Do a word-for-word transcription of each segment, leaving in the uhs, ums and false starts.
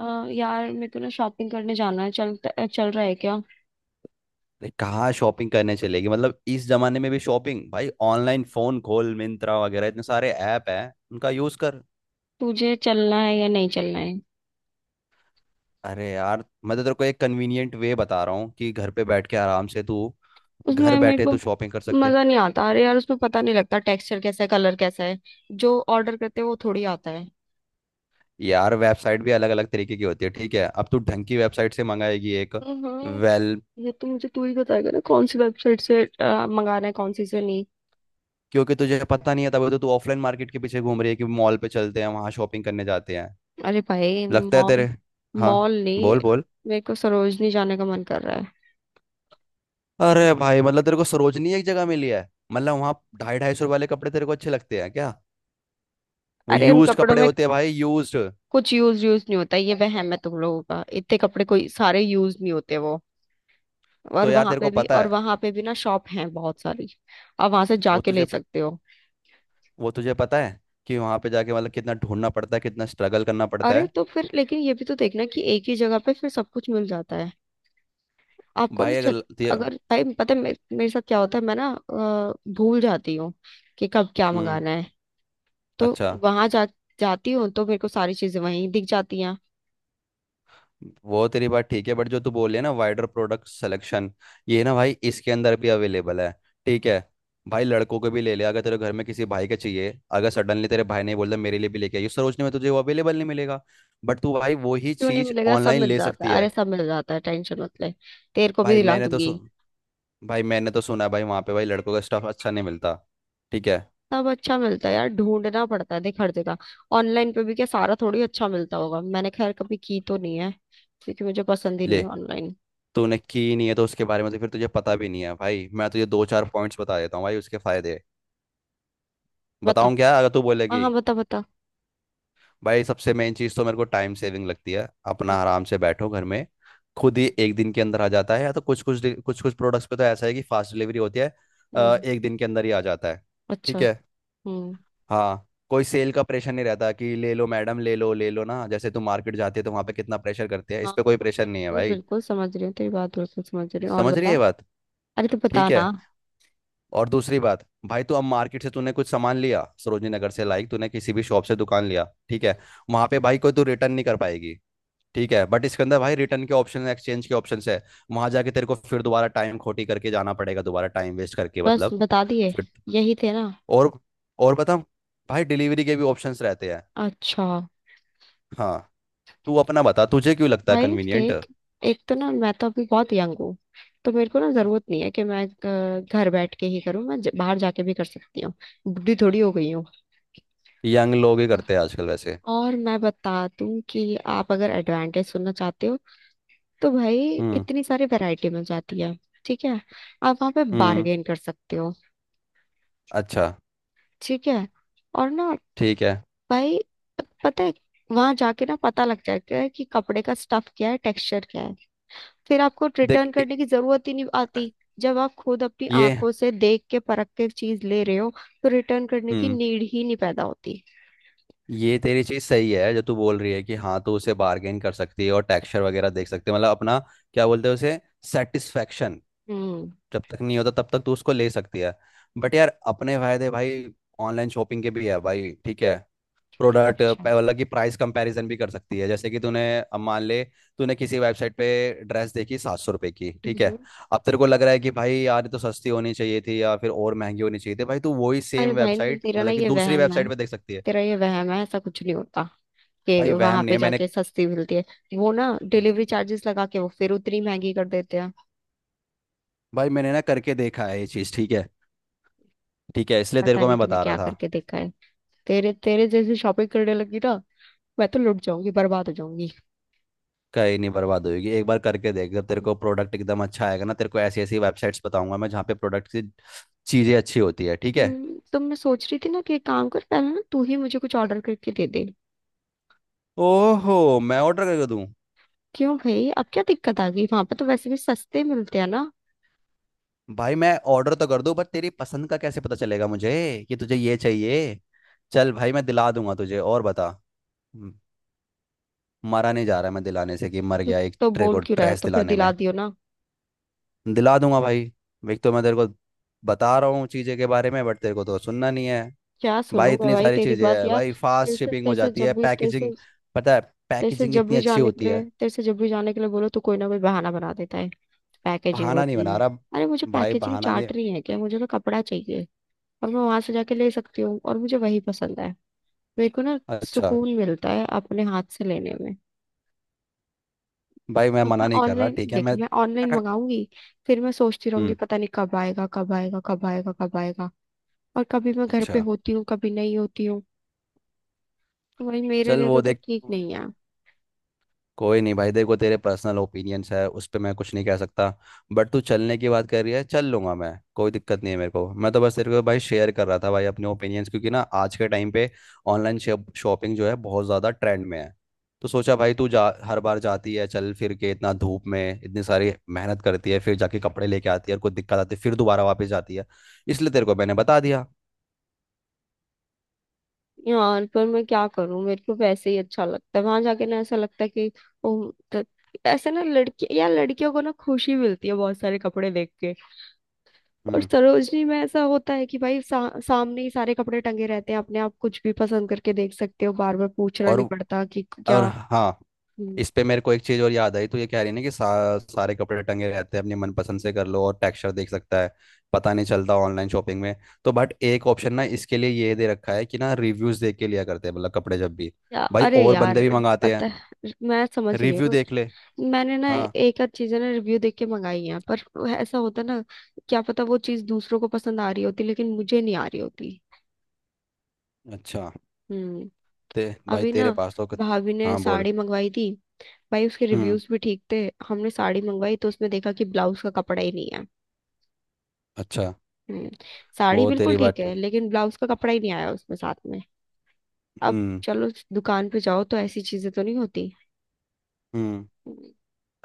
अ, यार मेरे को ना शॉपिंग करने जाना है। चल चल रहा है क्या। अरे कहाँ शॉपिंग करने चलेगी मतलब इस जमाने में भी शॉपिंग भाई ऑनलाइन फोन खोल मिंत्रा वगैरह इतने सारे ऐप हैं उनका यूज कर। तुझे चलना है या नहीं चलना है। अरे यार मैं तो तेरे को एक कन्वीनियंट वे बता रहा हूँ कि घर पे बैठ के आराम से तू घर उसमें मेरे बैठे को तू शॉपिंग कर सकती है। मजा नहीं आता। अरे यार, उसमें पता नहीं लगता टेक्सचर कैसा है, कलर कैसा है। जो ऑर्डर करते हैं वो थोड़ी आता है। यार वेबसाइट भी अलग अलग तरीके की होती है। ठीक है अब तू ढंग की वेबसाइट से मंगाएगी एक। हम्म। वेल। ये तो मुझे तू ही बताएगा ना कौन सी वेबसाइट से अ, मंगाना है, कौन सी से नहीं। क्योंकि तुझे पता नहीं है तभी तो तू ऑफलाइन मार्केट के पीछे घूम रही है कि मॉल पे चलते हैं वहां शॉपिंग करने जाते हैं। अरे भाई लगता है मॉल, तेरे। हाँ। मॉल नहीं, बोल बोल। मेरे को सरोजनी जाने का मन कर रहा है। अरे भाई मतलब तेरे को सरोजनी एक जगह मिली है। मतलब वहां ढाई ढाई सौ रुपए वाले कपड़े तेरे को अच्छे लगते हैं क्या। वो अरे उन यूज्ड कपड़ों कपड़े में होते हैं भाई यूज्ड। कुछ यूज यूज नहीं होता। ये वहम है तुम लोगों का। इतने कपड़े कोई सारे यूज नहीं होते वो। और तो यार वहां तेरे पे को भी, पता और है। वहां पे भी ना शॉप हैं बहुत सारी। आप वहां से वो जाके ले तुझे सकते हो। वो तुझे पता है। कि वहां पे जाके मतलब कितना ढूंढना पड़ता है कितना स्ट्रगल करना पड़ता अरे है। तो फिर लेकिन ये भी तो देखना कि एक ही जगह पे फिर सब कुछ मिल जाता है आपको ना भाई अगर छत। ल- ते- अगर भाई पता है मे, मेरे साथ क्या होता है, मैं ना अ, भूल जाती हूँ कि कब क्या हम्म। मंगाना है। तो अच्छा। वहां जा जाती हूँ तो मेरे को सारी चीजें वहीं दिख जाती हैं। वो तेरी बात ठीक है बट जो तू बोल रही है ना वाइडर प्रोडक्ट सिलेक्शन। ये ना भाई इसके अंदर भी अवेलेबल है। ठीक है। भाई लड़कों को भी ले ले अगर तेरे घर में किसी भाई के चाहिए अगर सडनली तेरे भाई ने बोल दिया मेरे लिए भी लेके आई उस सरोजनी में तुझे वो अवेलेबल नहीं मिलेगा। बट तू भाई वो ही क्यों नहीं चीज मिलेगा, सब ऑनलाइन मिल ले जाता सकती है। है। अरे सब मिल जाता है, टेंशन मत ले, तेरे को भी भाई दिला मैंने तो दूंगी। सु... भाई मैंने तो सुना है भाई वहाँ पे भाई लड़कों का स्टफ अच्छा नहीं मिलता। ठीक है। सब अच्छा मिलता है यार, ढूंढना पड़ता है, देख हर जगह। ऑनलाइन पे भी क्या सारा थोड़ी अच्छा मिलता होगा। मैंने खैर कभी की तो नहीं है, क्योंकि मुझे पसंद ही नहीं ले। है ऑनलाइन। तूने की नहीं है तो उसके बारे में तो फिर तुझे पता भी नहीं है भाई मैं तुझे दो चार पॉइंट्स बता देता हूँ भाई उसके फायदे। बता। बताऊँ क्या अगर तू हाँ बोलेगी। हाँ, बता बता। भाई सबसे मेन चीज़ तो मेरे को टाइम सेविंग लगती है अपना हम्म। आराम से बैठो घर में। खुद ही एक दिन के अंदर आ जाता है या तो कुछ कुछ कुछ कुछ प्रोडक्ट्स पे तो ऐसा है कि फास्ट डिलीवरी होती है। अ, हम्म, एक दिन के अंदर ही आ जाता है। अच्छा। ठीक है। हम्म। हाँ कोई सेल का प्रेशर नहीं रहता कि ले लो मैडम ले लो ले लो ना जैसे तुम मार्केट जाते हो तो वहाँ पे कितना प्रेशर करते हैं हाँ इस पे कोई हाँ, प्रेशर नहीं है बिल्कुल भाई। बिल्कुल समझ रही हूँ तेरी बात, बिल्कुल समझ रही हूँ, और समझ रही बता। है बात। अरे तो बता ठीक है। ना। और दूसरी बात भाई तू अब मार्केट से तूने कुछ सामान लिया सरोजनी नगर से लाइक तूने किसी भी शॉप से दुकान लिया। ठीक है। वहाँ पे भाई कोई तू रिटर्न नहीं कर पाएगी। ठीक है बट इसके अंदर भाई रिटर्न के ऑप्शन एक्सचेंज के ऑप्शन है। वहां जाके तेरे को फिर दोबारा टाइम खोटी करके जाना पड़ेगा दोबारा टाइम वेस्ट करके बस मतलब। बता दिए, फिर। यही थे ना। और और बता। भाई डिलीवरी के भी ऑप्शंस रहते हैं। अच्छा हाँ। तू अपना बता तुझे क्यों लगता है भाई, कन्वीनियंट। देख, एक तो ना मैं तो अभी बहुत यंग हूँ। तो मेरे को ना जरूरत नहीं है कि मैं अ, घर बैठ के ही करूँ। मैं ज- बाहर जाके भी कर सकती हूँ। बुढ़ी थोड़ी हो गई हूँ। यंग लोग ही करते हैं आजकल वैसे। और मैं बता दूं कि आप अगर एडवांटेज सुनना चाहते हो, तो भाई हम्म। इतनी सारी वैरायटी मिल जाती है। ठीक है, आप वहां पे हम्म। बार्गेन कर सकते हो। अच्छा। ठीक है, और ना ठीक है। भाई, पता है, वहां जाके ना पता लग जाता है कि कपड़े का स्टफ क्या है, टेक्सचर क्या है। फिर आपको देख रिटर्न ए- करने की जरूरत ही नहीं आती। जब आप खुद अपनी ये। आंखों से देख के परख के चीज ले रहे हो, तो रिटर्न करने की हम्म। नीड ही नहीं पैदा होती। ये तेरी चीज सही है जो तू बोल रही है कि हाँ तू उसे बार्गेन कर सकती है और टेक्सचर वगैरह देख सकती है मतलब अपना। क्या बोलते हैं उसे। सेटिस्फेक्शन। हम्म। जब तक नहीं होता तब तक तू उसको ले सकती है। बट यार अपने फायदे भाई ऑनलाइन शॉपिंग के भी है भाई। ठीक है। प्रोडक्ट अच्छा। अलग की प्राइस कंपैरिजन भी कर सकती है जैसे कि तूने अब मान ले। तूने किसी वेबसाइट पे ड्रेस देखी सात सौ रुपए की। ठीक है। हम्म। अब तेरे को लग रहा है कि भाई यार ये तो सस्ती होनी चाहिए थी या फिर और महंगी होनी चाहिए थी भाई तू वही अरे सेम भाई वेबसाइट तेरा ना मतलब कि ये दूसरी वहम है, वेबसाइट पे देख सकती है। तेरा ये वहम है, ऐसा कुछ नहीं होता कि भाई वहम वहां नहीं पे है मैंने। जाके सस्ती मिलती है। वो ना डिलीवरी चार्जेस लगा के वो फिर उतनी महंगी कर देते हैं। भाई मैंने ना करके देखा है ये चीज़। ठीक है। ठीक है इसलिए तेरे पता को नहीं मैं तूने बता रहा क्या था। करके देखा है। तेरे तेरे जैसे शॉपिंग करने लगी ना, मैं तो लुट जाऊंगी, बर्बाद हो जाऊंगी। कहीं नहीं बर्बाद होगी एक बार करके देख जब तेरे को प्रोडक्ट एकदम अच्छा आएगा ना तेरे को ऐसी ऐसी वेबसाइट्स बताऊंगा मैं जहाँ पे प्रोडक्ट की चीज़ें अच्छी होती है। ठीक है। हम्म, तो मैं सोच रही थी ना कि एक काम कर, पहले ना तू ही मुझे कुछ ऑर्डर करके दे दे। ओहो मैं ऑर्डर करके दूं। क्यों भाई, अब क्या दिक्कत आ गई? वहां पर तो वैसे भी सस्ते मिलते हैं ना। भाई मैं ऑर्डर तो कर दूं पर तेरी पसंद का कैसे पता चलेगा मुझे। कि तुझे ये चाहिए। चल भाई मैं दिला दूंगा तुझे और बता। म- मरा नहीं जा रहा मैं दिलाने से कि मर तो, गया एक तो ट्रे को बोल क्यों रहा है, ड्रेस तो फिर दिलाने दिला में। दियो ना। दिला दूंगा भाई। एक तो मैं तेरे को बता रहा हूँ चीज़ें के बारे में बट तेरे को तो सुनना नहीं है। क्या सुनूं भाई मैं इतनी भाई सारी तेरी चीजें बात, हैं यार भाई तेरे फास्ट से शिपिंग तेरे हो से जाती है जब भी तेरे से पैकेजिंग। पता है। तेरे से पैकेजिंग जब इतनी भी अच्छी जाने के होती है। लिए, तेरे से जब भी जाने के लिए बोलो तो कोई ना कोई बहाना बना देता है। पैकेजिंग बहाना नहीं होती बना है। रहा। अरे मुझे भाई पैकेजिंग बहाना नहीं। चार्ट नहीं है क्या, मुझे तो कपड़ा चाहिए। और मैं वहां से जाके ले सकती हूँ, और मुझे वही पसंद है। मेरे को ना अच्छा। सुकून मिलता है अपने हाथ से लेने में। भाई मैं अब मना मैं नहीं कर रहा। ऑनलाइन ठीक है देख, मैं मैं ऑनलाइन मंगाऊंगी, फिर मैं सोचती रहूंगी हम्म। पता नहीं कब आएगा, कब आएगा, कब आएगा, कब आएगा। और कभी मैं घर पे अच्छा। होती हूँ, कभी नहीं होती हूँ। वही मेरे चल लिए तो वो देख देख। ठीक नहीं है। कोई नहीं भाई देखो तेरे पर्सनल ओपिनियंस है उस पर मैं कुछ नहीं कह सकता। बट तू चलने की बात कर रही है चल लूंगा मैं। कोई दिक्कत नहीं है मेरे को मैं तो बस तेरे को भाई शेयर कर रहा था भाई अपने ओपिनियंस क्योंकि ना आज के टाइम पे ऑनलाइन शॉपिंग जो है बहुत ज़्यादा ट्रेंड में है। तो सोचा भाई तू जा हर बार जाती है चल फिर के इतना धूप में इतनी सारी मेहनत करती है फिर जाके कपड़े लेके आती है और कुछ दिक्कत आती है फिर दोबारा वापस जाती है। इसलिए तेरे को मैंने बता दिया। यार पर मैं क्या करूं, मेरे को वैसे ही अच्छा लगता है वहां जाके। ना ऐसा लगता है कि ओ, त- ऐसे ना लड़की या लड़कियों को ना खुशी मिलती है बहुत सारे कपड़े देख के। और हम्म। सरोजनी में ऐसा होता है कि भाई सा, सामने ही सारे कपड़े टंगे रहते हैं, अपने आप कुछ भी पसंद करके देख सकते हो, बार बार पूछना और नहीं पड़ता कि और क्या। हाँ। हम्म। इस पे मेरे को एक चीज और याद आई तो ये कह रही है ना कि सा, सारे कपड़े टंगे रहते हैं अपनी मनपसंद से कर लो और टेक्सचर देख सकता है। पता नहीं चलता ऑनलाइन शॉपिंग में। तो बट एक ऑप्शन ना इसके लिए ये दे रखा है कि ना रिव्यूज देख के लिया करते हैं मतलब कपड़े जब भी। या, भाई अरे और यार बंदे भी मंगाते हैं। पता है, मैं समझ रही रिव्यू हूँ। देख ले। मैंने ना हाँ। एक आध चीजें ना रिव्यू देख के मंगाई हैं, पर ऐसा होता ना, क्या पता वो चीज दूसरों को पसंद आ रही होती लेकिन मुझे नहीं आ रही होती। अच्छा। हम्म। ते भाई अभी ना तेरे पास तो कत- भाभी ने हाँ बोल। साड़ी मंगवाई थी, भाई उसके हम्म। रिव्यूज भी ठीक थे। हमने साड़ी मंगवाई तो उसमें देखा कि ब्लाउज का कपड़ा ही नहीं है। अच्छा। हम्म, साड़ी वो बिल्कुल तेरी ठीक बात है ठीक। लेकिन ब्लाउज का कपड़ा ही नहीं आया उसमें साथ में। अब हम्म। चलो उस दुकान पे जाओ तो ऐसी चीजें तो नहीं होती। हम्म। हम्म,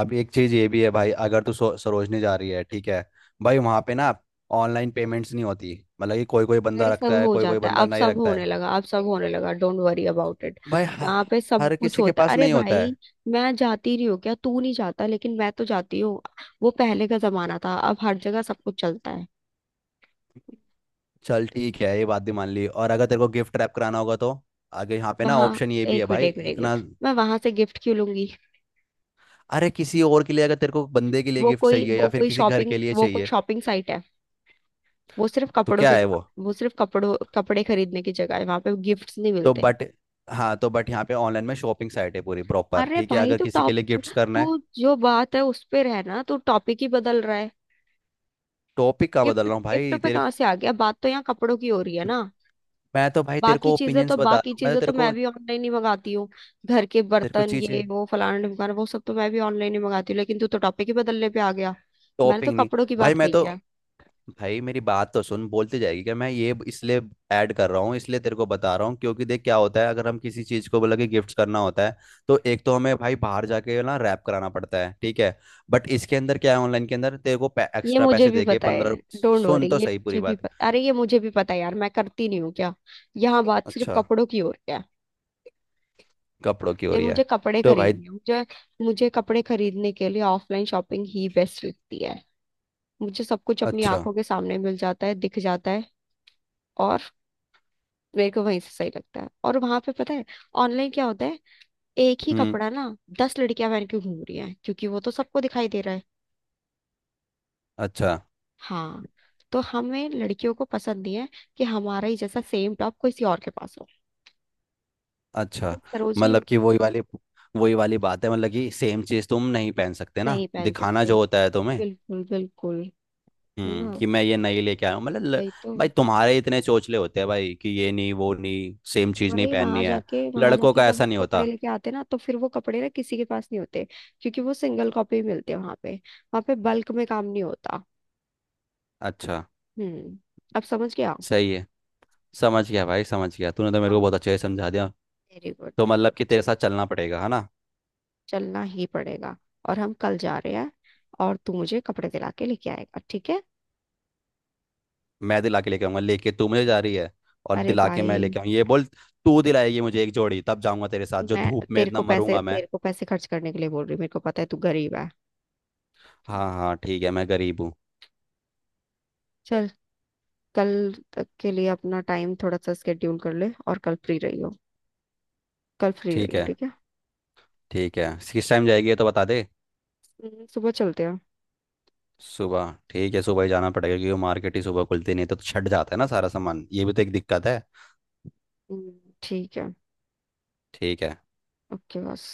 अब एक चीज ये भी है भाई अगर तू सो- सरोजनी जा रही है। ठीक है। भाई वहां पे ना ऑनलाइन पेमेंट्स नहीं होती। मतलब कि कोई कोई बंदा अरे सब रखता है हो कोई कोई जाता है, बंदा अब नहीं सब रखता होने है। लगा, अब सब होने लगा, डोंट वरी अबाउट इट। भाई हर, वहां पे सब हर कुछ किसी के होता है, पास अरे नहीं होता भाई है। मैं जाती नहीं हूँ क्या? तू नहीं जाता लेकिन मैं तो जाती हूँ। वो पहले का जमाना था, अब हर जगह सब कुछ चलता है। चल ठीक है ये बात भी मान ली और अगर तेरे को गिफ्ट रैप कराना होगा तो आगे यहाँ पे ना वहां ऑप्शन ये भी है एक मिनट, भाई एक मिनट, एक इतना। मिनट, मैं वहां से गिफ्ट क्यों लूंगी। अरे किसी और के लिए अगर तेरे को बंदे के लिए वो गिफ्ट कोई चाहिए वो या फिर कोई किसी घर शॉपिंग के लिए वो कोई चाहिए। शॉपिंग साइट है? वो सिर्फ तो कपड़ों क्या की है वो। दुकान- वो सिर्फ कपड़ों कपड़े खरीदने की जगह है, वहां पे गिफ्ट्स नहीं तो मिलते। बट। हाँ तो बट यहाँ पे ऑनलाइन में शॉपिंग साइट है पूरी प्रॉपर। अरे ठीक है भाई अगर तू किसी के टॉप, लिए गिफ्ट्स करना तू है। जो बात है उस पे रहना, तू टॉपिक ही बदल रहा है। टॉपिक का बदल गिफ्ट रहा हूँ गिफ्ट भाई पे तेरे। कहाँ से आ गया, बात तो यहाँ कपड़ों की हो रही है ना। मैं तो भाई तेरे बाकी को चीजें ओपिनियंस तो बता बाकी रहा हूँ मैं चीजें तो तो तेरे मैं को। भी ऑनलाइन ही मंगाती हढी हूँ। घर के तेरे को बर्तन, ये चीजें। वो, फलाना ढिमकाना, वो सब तो मैं भी ऑनलाइन ही मंगाती हूँ, लेकिन तू तो टॉपिक ही बदलने पे आ गया। मैंने तो टॉपिंग नहीं। कपड़ों की भाई बात मैं कही तो है। भाई मेरी बात तो सुन बोलती जाएगी क्या मैं ये इसलिए ऐड कर रहा हूँ इसलिए तेरे को बता रहा हूँ क्योंकि देख क्या होता है अगर हम किसी चीज को बोला कि गिफ्ट करना होता है। तो एक तो हमें भाई बाहर जाके ना रैप कराना पड़ता है। ठीक है। बट इसके अंदर क्या है ऑनलाइन के अंदर तेरे को ये एक्स्ट्रा मुझे पैसे भी दे के पता है, पंद्रह डोंट वरी, सुन तो ये सही मुझे पूरी भी बात। पता, अरे ये मुझे भी पता है यार, मैं करती नहीं हूँ क्या। यहाँ बात सिर्फ अच्छा। कपड़ों की हो रही है। कपड़ों की हो ये रही मुझे है। कपड़े तो भाई। खरीदने हैं, मुझे मुझे कपड़े खरीदने के लिए ऑफलाइन शॉपिंग ही बेस्ट लगती है। मुझे सब कुछ अपनी अच्छा। आंखों के सामने मिल जाता है, दिख जाता है। और मेरे को वहीं से सही लगता है। और वहां पे पता है ऑनलाइन क्या होता है, एक ही हम्म। कपड़ा ना दस लड़कियां पहन के घूम रही हैं, क्योंकि वो तो सबको दिखाई दे रहा है। अच्छा। हाँ, तो हमें लड़कियों को पसंद नहीं है कि हमारा ही जैसा सेम टॉप किसी और के पास हो। अच्छा। लेकिन सरोजनी मतलब कि वही वाली। वही वाली बात है मतलब कि सेम चीज तुम नहीं पहन सकते ना नहीं पहन दिखाना सकते, जो होता है तुम्हें। बिल्कुल बिल्कुल, है हम्म ना, कि मैं ये नहीं लेके आया हूँ मतलब ल- वही तो। भाई तुम्हारे इतने चोचले होते हैं भाई कि ये नहीं वो नहीं सेम तो चीज नहीं भाई वहां पहननी है। जाके वहां लड़कों जाके का जब वो ऐसा नहीं होता। कपड़े लेके आते ना, तो फिर वो कपड़े ना किसी के पास नहीं होते, क्योंकि वो सिंगल कॉपी मिलते हैं। वहां पे वहां पे बल्क में काम नहीं होता। अच्छा। हम्म, अब समझ गया। सही है। समझ गया भाई समझ गया तूने तो मेरे को हाँ, बहुत अच्छे से समझा दिया। Very good. तो मतलब कि तेरे साथ चलना पड़ेगा है ना। चलना ही पड़ेगा, और हम कल जा रहे हैं, और तू मुझे कपड़े दिला के लेके आएगा, ठीक है। मैं दिला के लेके आऊंगा लेके तू मुझे जा रही है। और अरे दिला के भाई, मैं लेके आऊँ ये बोल। तू दिलाएगी मुझे एक जोड़ी तब जाऊंगा तेरे साथ जो मैं धूप में तेरे इतना को पैसे मरूंगा मैं। तेरे को पैसे खर्च करने के लिए बोल रही हूँ, मेरे को पता है तू गरीब है। हाँ हाँ ठीक है मैं गरीब हूँ। चल, कल तक के लिए अपना टाइम थोड़ा सा स्केड्यूल कर ले, और कल फ्री रही हो, कल फ्री रही ठीक हो, है। ठीक है। ठीक है किस टाइम जाएगी ये तो बता दे। हम्म, सुबह चलते हैं। सुबह ठीक है सुबह ही जाना पड़ेगा क्योंकि वो मार्केट ही सुबह खुलती नहीं है, तो छट जाता है ना सारा सामान ये भी तो एक दिक्कत है। हम्म, ठीक है। ठीक है। ओके बस।